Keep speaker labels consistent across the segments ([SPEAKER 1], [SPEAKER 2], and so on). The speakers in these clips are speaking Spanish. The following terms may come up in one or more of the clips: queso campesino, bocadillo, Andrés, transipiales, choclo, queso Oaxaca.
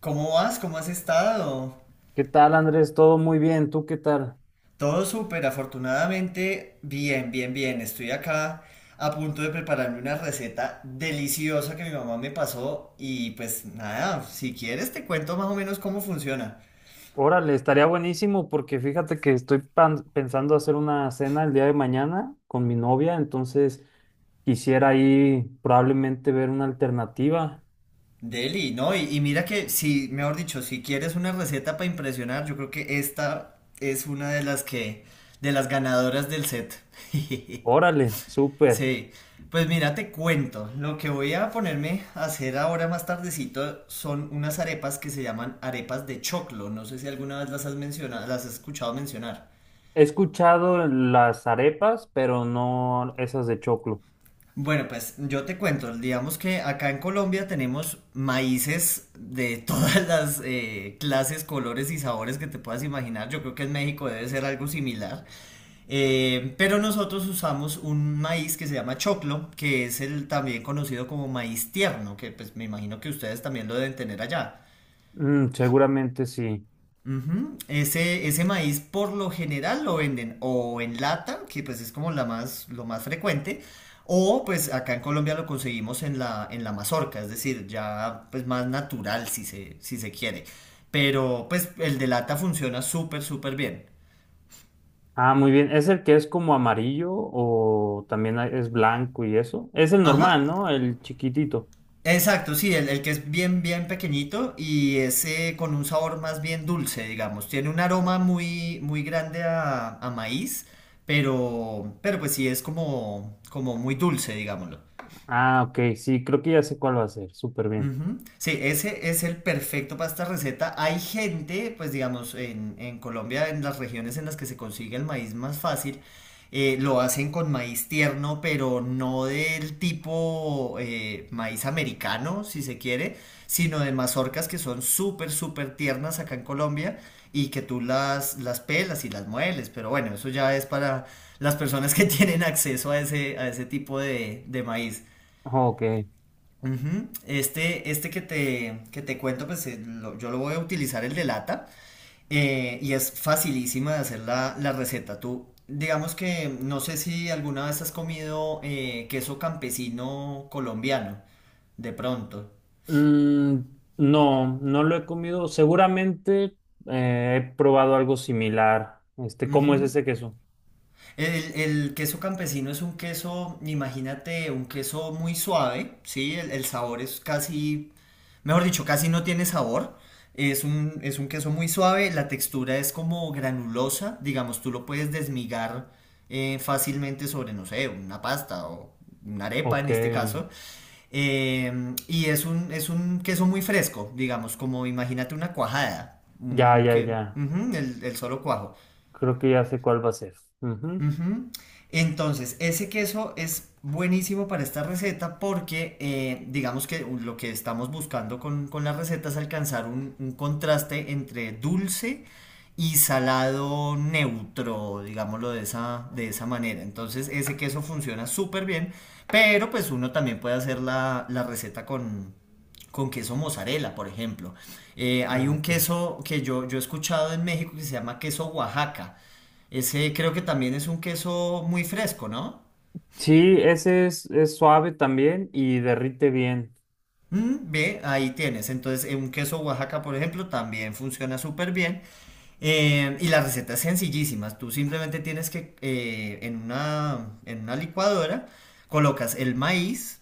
[SPEAKER 1] ¿Cómo vas? ¿Cómo has estado?
[SPEAKER 2] ¿Qué tal, Andrés? Todo muy bien. ¿Tú qué tal?
[SPEAKER 1] Todo súper, afortunadamente. Bien, bien, bien. Estoy acá a punto de prepararme una receta deliciosa que mi mamá me pasó. Y pues nada, si quieres te cuento más o menos cómo funciona.
[SPEAKER 2] Órale, estaría buenísimo porque fíjate que estoy pensando hacer una cena el día de mañana con mi novia, entonces quisiera ahí probablemente ver una alternativa.
[SPEAKER 1] Deli, ¿no? Y mira que, si, mejor dicho, si quieres una receta para impresionar, yo creo que esta es una de las que, de las ganadoras del set.
[SPEAKER 2] Órale, súper.
[SPEAKER 1] Sí, pues mira, te cuento, lo que voy a ponerme a hacer ahora más tardecito son unas arepas que se llaman arepas de choclo, no sé si alguna vez las has mencionado, las has escuchado mencionar.
[SPEAKER 2] He escuchado las arepas, pero no esas de choclo.
[SPEAKER 1] Bueno, pues yo te cuento, digamos que acá en Colombia tenemos maíces de todas las clases, colores y sabores que te puedas imaginar, yo creo que en México debe ser algo similar. Pero nosotros usamos un maíz que se llama choclo, que es el también conocido como maíz tierno, que pues me imagino que ustedes también lo deben tener allá.
[SPEAKER 2] Mm, seguramente sí.
[SPEAKER 1] Ujú. Ese maíz por lo general lo venden o en lata, que pues es como la más, lo más frecuente, o pues acá en Colombia lo conseguimos en la mazorca, es decir, ya pues más natural si se, si se quiere. Pero pues el de lata funciona súper, súper bien.
[SPEAKER 2] Ah, muy bien. ¿Es el que es como amarillo o también es blanco y eso? Es el
[SPEAKER 1] Ajá,
[SPEAKER 2] normal, ¿no? El chiquitito.
[SPEAKER 1] exacto, sí, el que es bien, bien pequeñito y es con un sabor más bien dulce, digamos. Tiene un aroma muy, muy grande a maíz, pero pues sí es como muy dulce, digámoslo.
[SPEAKER 2] Ah, ok, sí, creo que ya sé cuál va a ser, súper bien.
[SPEAKER 1] Ujú. Sí, ese es el perfecto para esta receta. Hay gente, pues digamos, en Colombia, en las regiones en las que se consigue el maíz más fácil, lo hacen con maíz tierno, pero no del tipo maíz americano, si se quiere, sino de mazorcas que son súper, súper tiernas acá en Colombia y que tú las pelas y las mueles. Pero bueno, eso ya es para las personas que tienen acceso a ese tipo de maíz.
[SPEAKER 2] Ok.
[SPEAKER 1] Ujú. Este que te cuento, pues yo lo voy a utilizar el de lata y es facilísima de hacer la, la receta. Tú, digamos que no sé si alguna vez has comido queso campesino colombiano, de pronto.
[SPEAKER 2] Mm, no, no lo he comido. Seguramente he probado algo similar. Este, ¿cómo es
[SPEAKER 1] Ujú.
[SPEAKER 2] ese queso?
[SPEAKER 1] El queso campesino es un queso, imagínate, un queso muy suave, ¿sí? El sabor es casi, mejor dicho, casi no tiene sabor. Es un queso muy suave, la textura es como granulosa, digamos, tú lo puedes desmigar fácilmente sobre, no sé, una pasta o una arepa
[SPEAKER 2] Ok,
[SPEAKER 1] en este caso. Y es un queso muy fresco, digamos, como imagínate una cuajada.
[SPEAKER 2] ya, ya, ya.
[SPEAKER 1] Ujú. El solo cuajo.
[SPEAKER 2] Creo que ya sé cuál va a ser. Ujú.
[SPEAKER 1] Ujú. Entonces, ese queso es buenísimo para esta receta porque digamos que lo que estamos buscando con la receta es alcanzar un contraste entre dulce y salado neutro, digámoslo de esa manera. Entonces, ese queso funciona súper bien, pero pues uno también puede hacer la, la receta con queso mozzarella, por ejemplo. Hay
[SPEAKER 2] Ah,
[SPEAKER 1] un
[SPEAKER 2] ok.
[SPEAKER 1] queso que yo he escuchado en México que se llama queso Oaxaca. Ese creo que también es un queso muy fresco, ¿no?
[SPEAKER 2] Sí, ese es suave también y derrite bien.
[SPEAKER 1] Mm, ve, ahí tienes. Entonces, un queso Oaxaca, por ejemplo, también funciona súper bien. Y la receta es sencillísima. Tú simplemente tienes que en una licuadora colocas el maíz,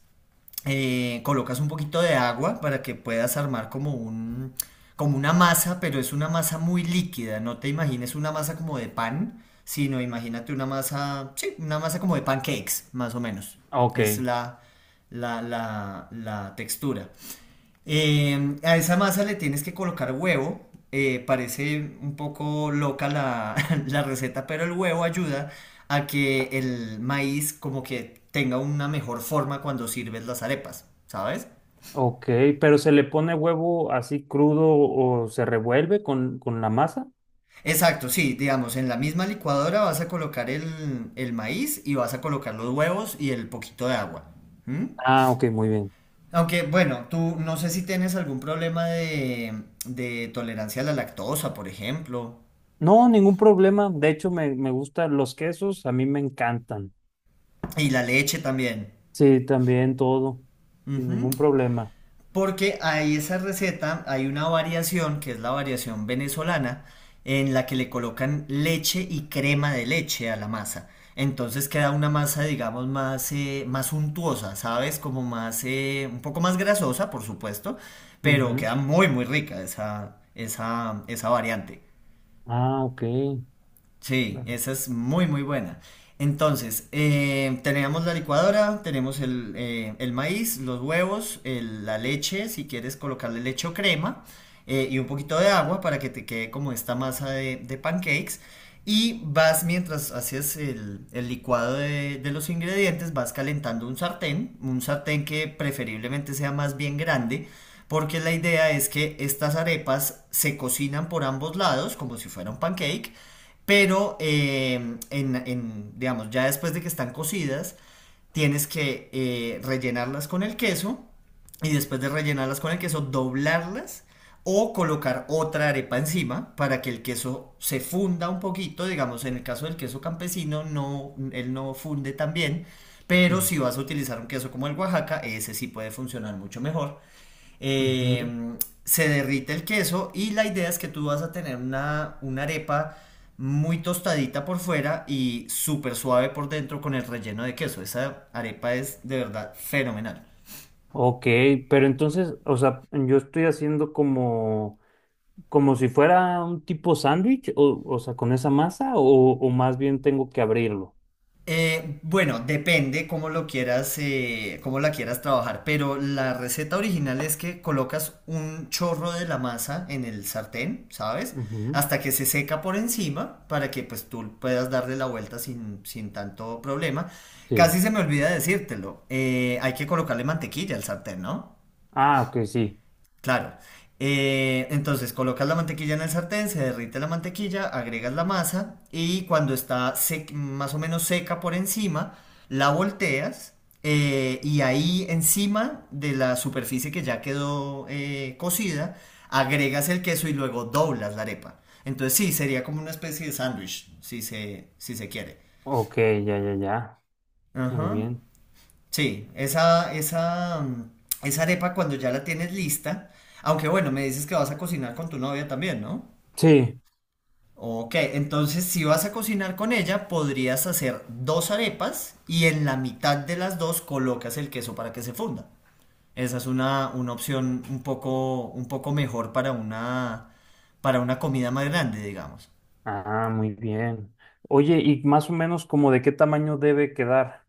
[SPEAKER 1] colocas un poquito de agua para que puedas armar como una masa, pero es una masa muy líquida. No te imagines una masa como de pan, sino imagínate una masa, sí, una masa como de pancakes, más o menos.
[SPEAKER 2] Ok,
[SPEAKER 1] Es la textura. A esa masa le tienes que colocar huevo. Parece un poco loca la, la receta, pero el huevo ayuda a que el maíz como que tenga una mejor forma cuando sirves las arepas, ¿sabes?
[SPEAKER 2] ok, pero ¿se le pone huevo así crudo o se revuelve con la masa?
[SPEAKER 1] Exacto, sí, digamos, en la misma licuadora vas a colocar el maíz y vas a colocar los huevos y el poquito de agua. ¿Mm?
[SPEAKER 2] Ah, ok, muy bien.
[SPEAKER 1] Aunque, bueno, tú no sé si tienes algún problema de tolerancia a la lactosa, por ejemplo,
[SPEAKER 2] No, ningún problema. De hecho, me gustan los quesos, a mí me encantan.
[SPEAKER 1] y la leche también.
[SPEAKER 2] Sí, también todo, sin
[SPEAKER 1] Ujú.
[SPEAKER 2] ningún problema.
[SPEAKER 1] Porque hay esa receta, hay una variación que es la variación venezolana, en la que le colocan leche y crema de leche a la masa. Entonces queda una masa, digamos, más, más untuosa, ¿sabes? Como más, un poco más grasosa, por supuesto, pero queda
[SPEAKER 2] Ujú.
[SPEAKER 1] muy, muy rica esa variante.
[SPEAKER 2] Ah, ok.
[SPEAKER 1] Sí,
[SPEAKER 2] Claro.
[SPEAKER 1] esa es muy, muy buena. Entonces, tenemos la licuadora, tenemos el maíz, los huevos, la leche, si quieres colocarle leche o crema, y un poquito de agua para que te quede como esta masa de pancakes. Y vas, mientras haces el licuado de los ingredientes, vas calentando un sartén que preferiblemente sea más bien grande, porque la idea es que estas arepas se cocinan por ambos lados, como si fuera un pancake pero, digamos, ya después de que están cocidas, tienes que rellenarlas con el queso y después de rellenarlas con el queso, doblarlas o colocar otra arepa encima para que el queso se funda un poquito. Digamos, en el caso del queso campesino, no, él no funde tan bien, pero
[SPEAKER 2] Mm,
[SPEAKER 1] si vas a utilizar un queso como el Oaxaca, ese sí puede funcionar mucho mejor.
[SPEAKER 2] ujú.
[SPEAKER 1] eh, Se derrite el queso y la idea es que tú vas a tener una arepa muy tostadita por fuera y súper suave por dentro con el relleno de queso. Esa arepa es de verdad fenomenal.
[SPEAKER 2] Ok, pero entonces, o sea, yo estoy haciendo como, como si fuera un tipo sándwich, o sea, con esa masa, o más bien tengo que abrirlo.
[SPEAKER 1] Bueno, depende cómo lo quieras, cómo la quieras trabajar, pero la receta original es que colocas un chorro de la masa en el sartén, ¿sabes?
[SPEAKER 2] Ujú.
[SPEAKER 1] Hasta que se seca por encima para que pues tú puedas darle la vuelta sin tanto problema.
[SPEAKER 2] Sí.
[SPEAKER 1] Casi se me olvida decírtelo, hay que colocarle mantequilla al sartén, ¿no?
[SPEAKER 2] Ah, ok, sí.
[SPEAKER 1] Claro. Entonces colocas la mantequilla en el sartén, se derrite la mantequilla, agregas la masa y cuando está más o menos seca por encima, la volteas y ahí encima de la superficie que ya quedó cocida, agregas el queso y luego doblas la arepa. Entonces sí, sería como una especie de sándwich, si se, si se quiere.
[SPEAKER 2] Ok, ya, ya, ya. Muy
[SPEAKER 1] Ajá.
[SPEAKER 2] bien.
[SPEAKER 1] Sí, esa arepa cuando ya la tienes lista, aunque bueno, me dices que vas a cocinar con tu novia también, ¿no?
[SPEAKER 2] Sí.
[SPEAKER 1] Ok, entonces si vas a cocinar con ella, podrías hacer dos arepas y en la mitad de las dos colocas el queso para que se funda. Esa es una opción un poco mejor para una comida más grande, digamos.
[SPEAKER 2] Ah, muy bien. Oye, y más o menos como de qué tamaño debe quedar.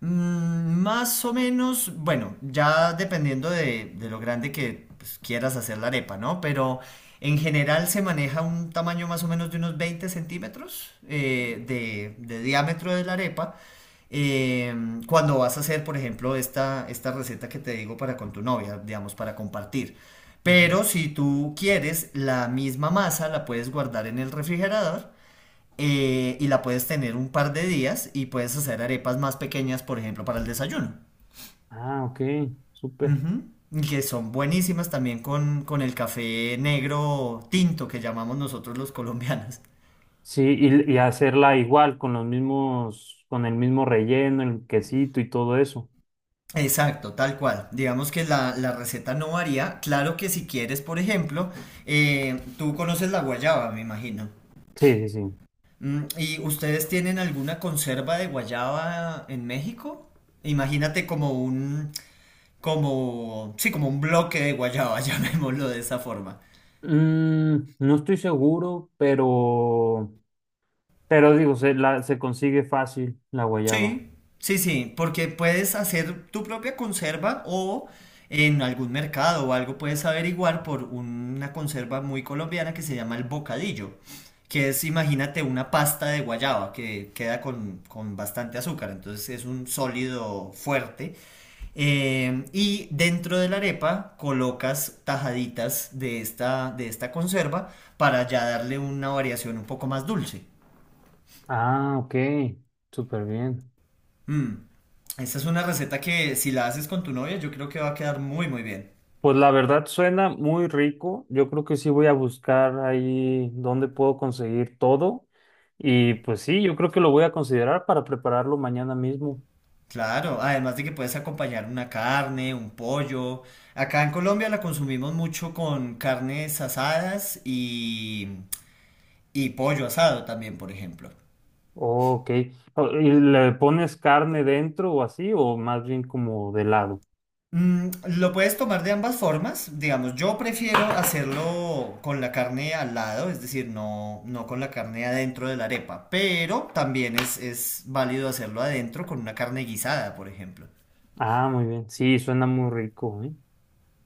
[SPEAKER 1] Más o menos, bueno, ya dependiendo de lo grande que pues, quieras hacer la arepa, ¿no? Pero en general se maneja un tamaño más o menos de unos 20 centímetros de diámetro de la arepa. eh, Cuando vas a hacer, por ejemplo, esta receta que te digo para con tu novia, digamos, para compartir.
[SPEAKER 2] Ujú.
[SPEAKER 1] Pero si tú quieres, la misma masa la puedes guardar en el refrigerador y la puedes tener un par de días y puedes hacer arepas más pequeñas, por ejemplo, para el desayuno.
[SPEAKER 2] Ah, ok, súper.
[SPEAKER 1] Ujú. Y que son buenísimas también con el café negro tinto que llamamos nosotros los colombianos.
[SPEAKER 2] Sí, y hacerla igual, con los mismos, con el mismo relleno, el quesito y todo eso.
[SPEAKER 1] Exacto, tal cual. Digamos que la receta no varía. Claro que si quieres, por ejemplo, tú conoces la guayaba, me imagino.
[SPEAKER 2] Sí, sí, sí.
[SPEAKER 1] ¿Y ustedes tienen alguna conserva de guayaba en México? Imagínate sí, como un bloque de guayaba, llamémoslo de esa forma.
[SPEAKER 2] Mm, no estoy seguro, pero digo, se, la, se consigue fácil la guayaba.
[SPEAKER 1] Sí, sí, sí, porque puedes hacer tu propia conserva o en algún mercado o algo puedes averiguar por una conserva muy colombiana que se llama el bocadillo, que es, imagínate, una pasta de guayaba que queda con bastante azúcar, entonces es un sólido fuerte. Y dentro de la arepa colocas tajaditas de esta conserva para ya darle una variación un poco más dulce.
[SPEAKER 2] Ah, ok, súper bien.
[SPEAKER 1] Mm, Esta es una receta que si la haces con tu novia yo creo que va a quedar muy muy bien.
[SPEAKER 2] Pues la verdad suena muy rico. Yo creo que sí voy a buscar ahí dónde puedo conseguir todo. Y pues sí, yo creo que lo voy a considerar para prepararlo mañana mismo.
[SPEAKER 1] Claro, además de que puedes acompañar una carne, un pollo. Acá en Colombia la consumimos mucho con carnes asadas y pollo asado también, por ejemplo.
[SPEAKER 2] Ok. Oh, ¿y le pones carne dentro o así? ¿O más bien como de lado?
[SPEAKER 1] Mm, lo puedes tomar de ambas formas, digamos, yo prefiero hacerlo con la carne al lado, es decir, no, no con la carne adentro de la arepa, pero también es válido hacerlo adentro con una carne guisada, por ejemplo.
[SPEAKER 2] Ah, muy bien. Sí, suena muy rico, ¿eh?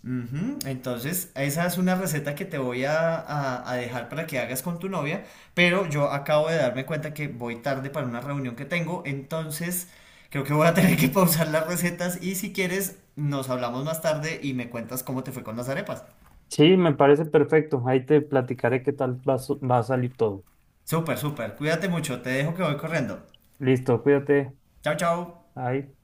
[SPEAKER 1] Ujú. Entonces, esa es una receta que te voy a dejar para que hagas con tu novia, pero yo acabo de darme cuenta que voy tarde para una reunión que tengo, entonces creo que voy a tener que pausar las recetas y si quieres, nos hablamos más tarde y me cuentas cómo te fue con las arepas.
[SPEAKER 2] Sí, me parece perfecto. Ahí te platicaré qué tal va, va a salir todo.
[SPEAKER 1] Súper, súper. Cuídate mucho. Te dejo que voy corriendo.
[SPEAKER 2] Listo, cuídate.
[SPEAKER 1] Chao, chao.
[SPEAKER 2] Bye.